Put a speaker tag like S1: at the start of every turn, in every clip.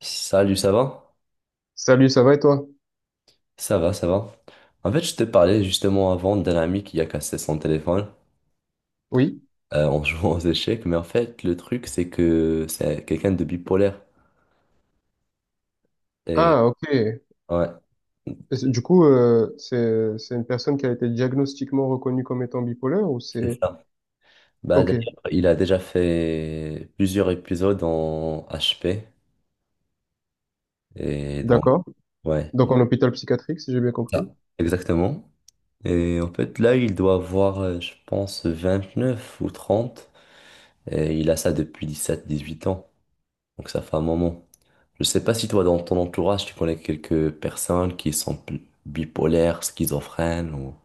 S1: Salut, ça va?
S2: Salut, ça va et toi?
S1: Ça va, ça va. En fait, je te parlais justement avant d'un ami qui a cassé son téléphone
S2: Oui.
S1: en jouant aux échecs, mais en fait, le truc, c'est que c'est quelqu'un de bipolaire. Et
S2: Ah, ok. Et
S1: ouais,
S2: C'est une personne qui a été diagnostiquement reconnue comme étant bipolaire ou
S1: c'est
S2: c'est...
S1: ça. Bah, d'ailleurs,
S2: Ok,
S1: il a déjà fait plusieurs épisodes en HP. Et donc,
S2: d'accord.
S1: ouais,
S2: Donc en hôpital psychiatrique, si j'ai bien compris.
S1: ça, exactement. Et en fait, là, il doit avoir, je pense, 29 ou 30. Et il a ça depuis 17 18 ans. Donc ça fait un moment. Je sais pas si toi, dans ton entourage, tu connais quelques personnes qui sont bipolaires, schizophrènes ou...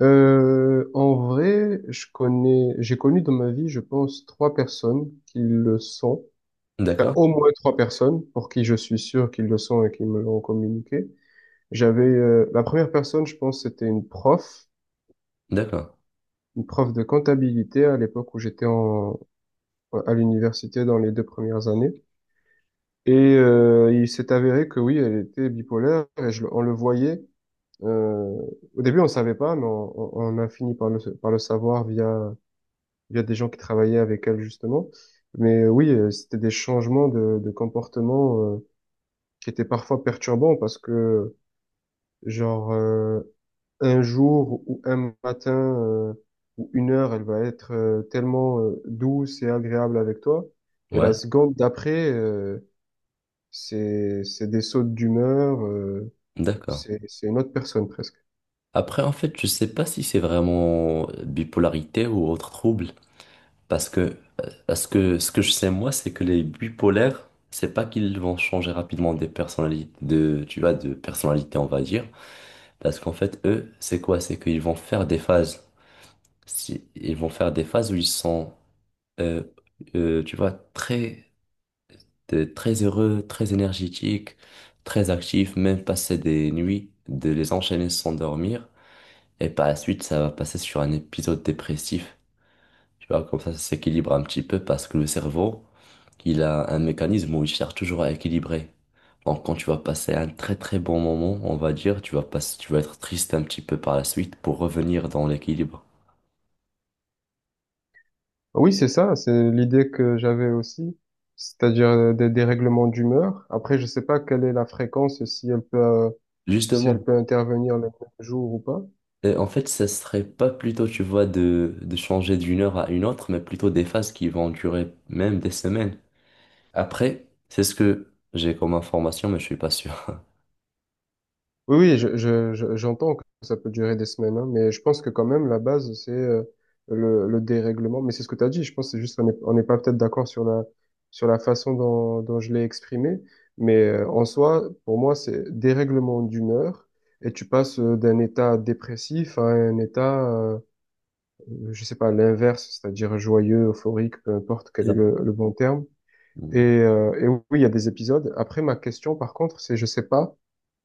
S2: En vrai, je connais, j'ai connu dans ma vie, je pense, trois personnes qui le sont. Enfin,
S1: D'accord,
S2: au moins trois personnes pour qui je suis sûr qu'ils le sont et qui me l'ont communiqué. La première personne, je pense, c'était
S1: d'accord.
S2: une prof de comptabilité à l'époque où à l'université dans les deux premières années. Il s'est avéré que oui, elle était bipolaire et on le voyait. euh, Au début, on ne savait pas, mais on a fini par par le savoir via des gens qui travaillaient avec elle justement. Oui, c'était des changements de comportement qui étaient parfois perturbants parce que genre euh, un jour ou un matin euh, ou une heure, elle va être tellement douce et agréable avec toi. Et
S1: Ouais,
S2: la seconde d'après, c'est des sautes d'humeur,
S1: d'accord.
S2: c'est une autre personne presque.
S1: Après, en fait, je sais pas si c'est vraiment bipolarité ou autre trouble. Parce que ce que je sais moi, c'est que les bipolaires, c'est pas qu'ils vont changer rapidement des personnalités, de, tu vois, de personnalité, on va dire. Parce qu'en fait, eux, c'est quoi? C'est qu'ils vont faire des phases. Si, ils vont faire des phases où ils sont euh, tu vois, t'es très heureux, très énergétique, très actif, même passer des nuits, de les enchaîner sans dormir. Et par la suite, ça va passer sur un épisode dépressif. Tu vois, comme ça s'équilibre un petit peu parce que le cerveau, il a un mécanisme où il cherche toujours à équilibrer. Donc, quand tu vas passer un très très bon moment, on va dire, tu vas passer, tu vas être triste un petit peu par la suite pour revenir dans l'équilibre.
S2: Ah oui, c'est ça, c'est l'idée que j'avais aussi, c'est-à-dire des dérèglements d'humeur. Après, je sais pas quelle est la fréquence, si elle peut, si elle
S1: Justement,
S2: peut intervenir le même jour ou pas.
S1: En fait, ce serait pas plutôt, tu vois, de changer d'une heure à une autre, mais plutôt des phases qui vont durer même des semaines. Après, c'est ce que j'ai comme information, mais je suis pas sûr.
S2: Oui, oui, j'entends que ça peut durer des semaines, hein, mais je pense que quand même, la base, c'est le dérèglement. Mais c'est ce que tu as dit, je pense que c'est juste qu'on n'est pas peut-être d'accord sur la façon dont je l'ai exprimé, mais en soi, pour moi, c'est dérèglement d'humeur, et tu passes d'un état dépressif à un état, je sais pas, l'inverse, c'est-à-dire joyeux, euphorique, peu importe
S1: C'est
S2: quel est
S1: ça.
S2: le bon terme.
S1: Mm.
S2: Et oui, il y a des épisodes. Après, ma question, par contre, c'est, je sais pas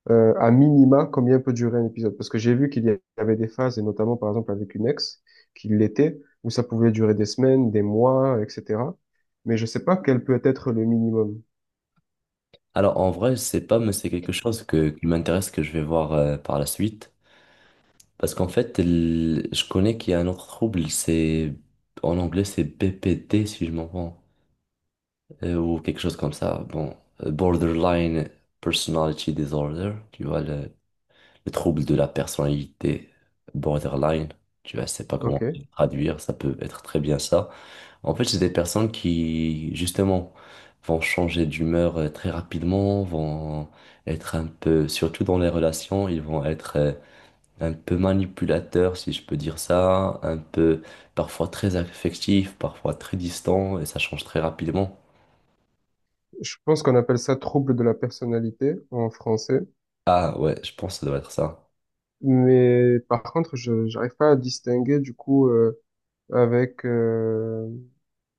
S2: à minima, combien peut durer un épisode? Parce que j'ai vu qu'il y avait des phases, et notamment par exemple avec une ex, qui l'était, où ça pouvait durer des semaines, des mois, etc. Mais je sais pas quel peut être le minimum.
S1: Alors, en vrai, je sais pas, mais c'est quelque chose qui m'intéresse, que je vais voir par la suite. Parce qu'en fait, je connais qu'il y a un autre trouble, c'est, en anglais, c'est BPD, si je m'en rends, ou quelque chose comme ça. Bon, Borderline Personality Disorder, tu vois, le trouble de la personnalité borderline, tu vois, je sais pas comment
S2: Ok.
S1: traduire, ça peut être très bien ça. En fait, c'est des personnes qui, justement, vont changer d'humeur très rapidement, vont être un peu, surtout dans les relations, ils vont être un peu manipulateurs, si je peux dire ça, un peu, parfois très affectifs, parfois très distants, et ça change très rapidement.
S2: Je pense qu'on appelle ça trouble de la personnalité en français.
S1: Ah ouais, je pense que ça doit être ça.
S2: Mais par contre, je j'arrive pas à distinguer du coup avec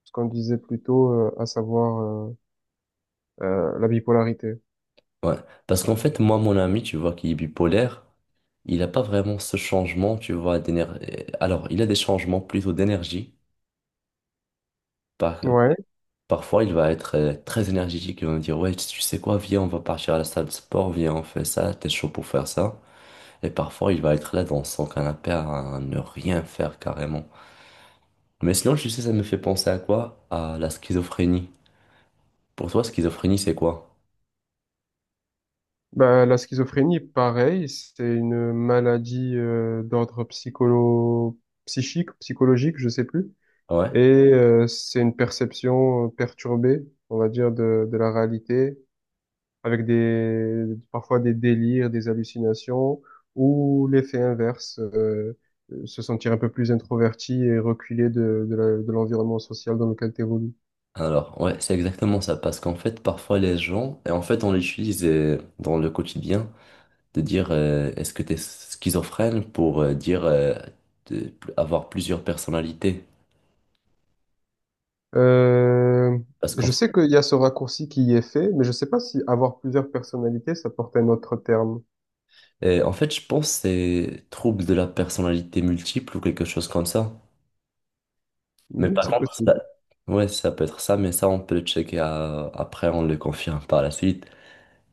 S2: ce qu'on disait plus tôt, à savoir la bipolarité.
S1: Ouais. Parce qu'en fait, moi, mon ami, tu vois, qui est bipolaire, il n'a pas vraiment ce changement, tu vois, d'énergie. Alors, il a des changements plutôt d'énergie. Par-
S2: Ouais.
S1: Parfois, il va être très énergétique. Il va me dire, ouais, tu sais quoi, viens, on va partir à la salle de sport, viens, on fait ça, t'es chaud pour faire ça. Et parfois, il va être là dans son canapé à ne rien faire carrément. Mais sinon, tu sais, ça me fait penser à quoi? À la schizophrénie. Pour toi, schizophrénie, c'est quoi?
S2: Bah, la schizophrénie, pareil, c'est une maladie d'ordre psycholo psychique, psychologique, je sais plus.
S1: Ouais.
S2: Et c'est une perception perturbée, on va dire, de la réalité, avec des parfois des délires, des hallucinations, ou l'effet inverse, se sentir un peu plus introverti et reculé de l'environnement social dans lequel tu
S1: Alors, ouais, c'est exactement ça, parce qu'en fait, parfois les gens, et en fait, on l'utilise dans le quotidien, de dire est-ce que tu es schizophrène pour dire avoir plusieurs personnalités.
S2: Euh,
S1: Parce qu'en
S2: je sais qu'il y a ce raccourci qui y est fait, mais je sais pas si avoir plusieurs personnalités, ça porte un autre terme.
S1: en fait, je pense que c'est trouble de la personnalité multiple ou quelque chose comme ça. Mais
S2: Hmm,
S1: par
S2: c'est
S1: contre, ça,
S2: possible.
S1: ouais, ça peut être ça, mais ça, on peut le checker après, on le confirme par la suite.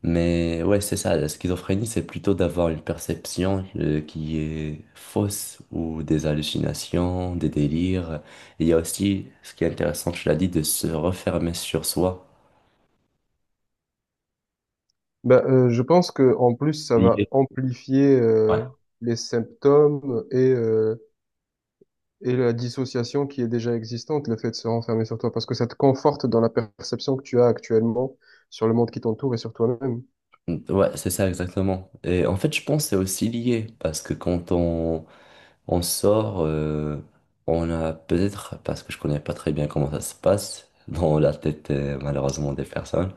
S1: Mais ouais, c'est ça, la schizophrénie, c'est plutôt d'avoir une perception qui est fausse ou des hallucinations, des délires. Et il y a aussi, ce qui est intéressant, tu l'as dit, de se refermer sur soi.
S2: Je pense que en plus, ça va
S1: Lié.
S2: amplifier
S1: Ouais.
S2: les symptômes et la dissociation qui est déjà existante, le fait de se renfermer sur toi, parce que ça te conforte dans la perception que tu as actuellement sur le monde qui t'entoure et sur toi-même.
S1: Ouais, c'est ça exactement. Et en fait, je pense que c'est aussi lié parce que quand on sort, on a peut-être, parce que je connais pas très bien comment ça se passe dans la tête malheureusement des personnes,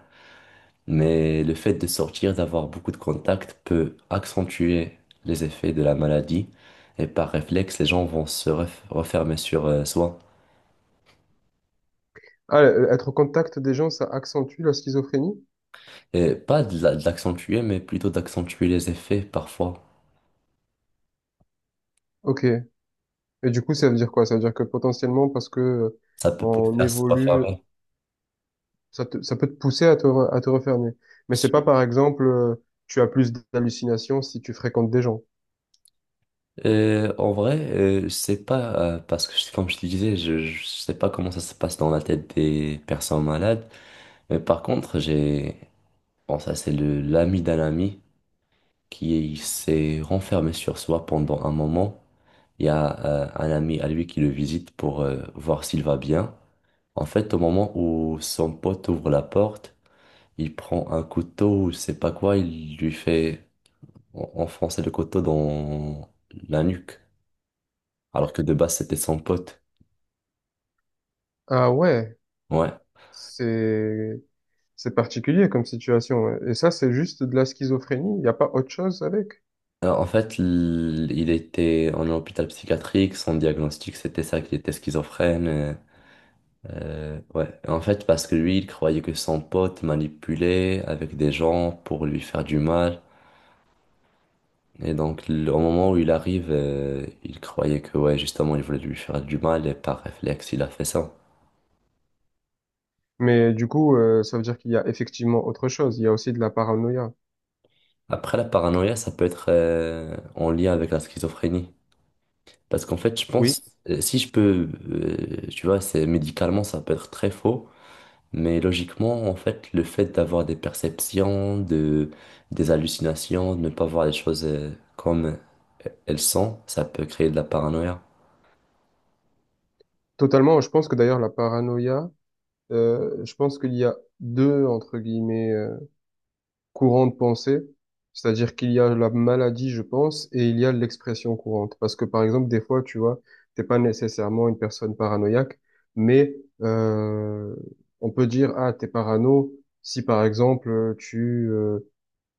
S1: mais le fait de sortir, d'avoir beaucoup de contacts peut accentuer les effets de la maladie et par réflexe, les gens vont se refermer sur soi.
S2: Ah, être au contact des gens, ça accentue la schizophrénie?
S1: Et pas de de l'accentuer, mais plutôt d'accentuer les effets parfois.
S2: Ok. Et du coup, ça veut dire quoi? Ça veut dire que potentiellement, parce que
S1: Ça peut pousser
S2: on
S1: à se
S2: évolue,
S1: refermer.
S2: ça peut te pousser à à te refermer. Mais c'est pas, par exemple, tu as plus d'hallucinations si tu fréquentes des gens.
S1: En vrai, je sais pas, parce que comme je te disais, je sais pas comment ça se passe dans la tête des personnes malades. Mais par contre, j'ai, bon, ça c'est le l'ami d'un ami qui s'est renfermé sur soi pendant un moment. Il y a un ami à lui qui le visite pour voir s'il va bien. En fait, au moment où son pote ouvre la porte, il prend un couteau ou je sais pas quoi, il lui fait enfoncer le couteau dans la nuque, alors que de base c'était son pote.
S2: Ah ouais,
S1: Ouais.
S2: c'est, c'est particulier comme situation. Ouais. Et ça, c'est juste de la schizophrénie. Il n'y a pas autre chose avec.
S1: Alors, en fait, il était en hôpital psychiatrique. Son diagnostic, c'était ça, qu'il était schizophrène. Ouais. En fait, parce que lui, il croyait que son pote manipulait avec des gens pour lui faire du mal. Et donc, au moment où il arrive, il croyait que, ouais, justement, il voulait lui faire du mal et par réflexe, il a fait ça.
S2: Mais du coup, ça veut dire qu'il y a effectivement autre chose. Il y a aussi de la paranoïa.
S1: Après, la paranoïa, ça peut être en lien avec la schizophrénie. Parce qu'en fait, je
S2: Oui,
S1: pense, si je peux, tu vois, c'est médicalement, ça peut être très faux. Mais logiquement, en fait, le fait d'avoir des perceptions, de, des hallucinations, de ne pas voir les choses comme elles sont, ça peut créer de la paranoïa.
S2: totalement. Je pense que d'ailleurs, la paranoïa, je pense qu'il y a deux, entre guillemets, courant de pensée, c'est-à-dire qu'il y a la maladie, je pense, et il y a l'expression courante. Parce que par exemple, des fois, tu vois, t'es pas nécessairement une personne paranoïaque, mais euh, on peut dire, ah, t'es parano si par exemple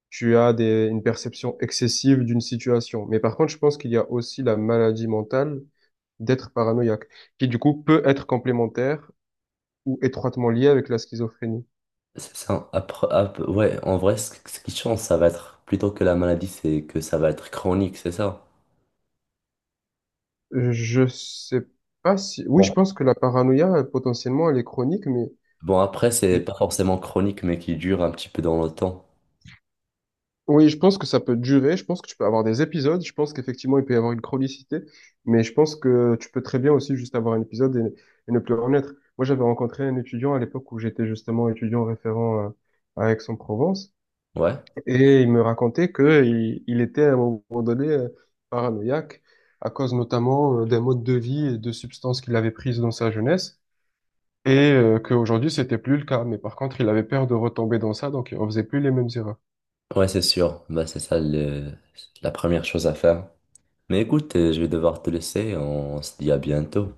S2: tu as des, une perception excessive d'une situation. Mais par contre, je pense qu'il y a aussi la maladie mentale d'être paranoïaque, qui du coup peut être complémentaire ou étroitement liée avec la schizophrénie.
S1: C'est ça. Après, ouais, en vrai, ce qui change, ça va être plutôt que la maladie, c'est que ça va être chronique, c'est ça.
S2: Je sais pas si... Oui,
S1: Bon,
S2: je pense que la paranoïa, potentiellement, elle est chronique, mais...
S1: bon après, c'est
S2: je-
S1: pas forcément chronique, mais qui dure un petit peu dans le temps.
S2: Oui, je pense que ça peut durer, je pense que tu peux avoir des épisodes, je pense qu'effectivement, il peut y avoir une chronicité, mais je pense que tu peux très bien aussi juste avoir un épisode et ne plus en être. Moi, j'avais rencontré un étudiant à l'époque où j'étais justement étudiant référent à Aix-en-Provence,
S1: Ouais,
S2: et il me racontait que il était à un moment donné paranoïaque, à cause notamment d'un mode de vie et de substances qu'il avait prises dans sa jeunesse. Et qu'aujourd'hui, c'était plus le cas. Mais par contre, il avait peur de retomber dans ça, donc il refaisait plus les mêmes erreurs.
S1: ouais, c'est sûr. Bah, c'est ça la première chose à faire. Mais écoute, je vais devoir te laisser. On se dit à bientôt.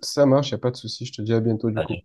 S2: Ça marche, y a pas de souci. Je te dis à bientôt du
S1: Allez.
S2: coup.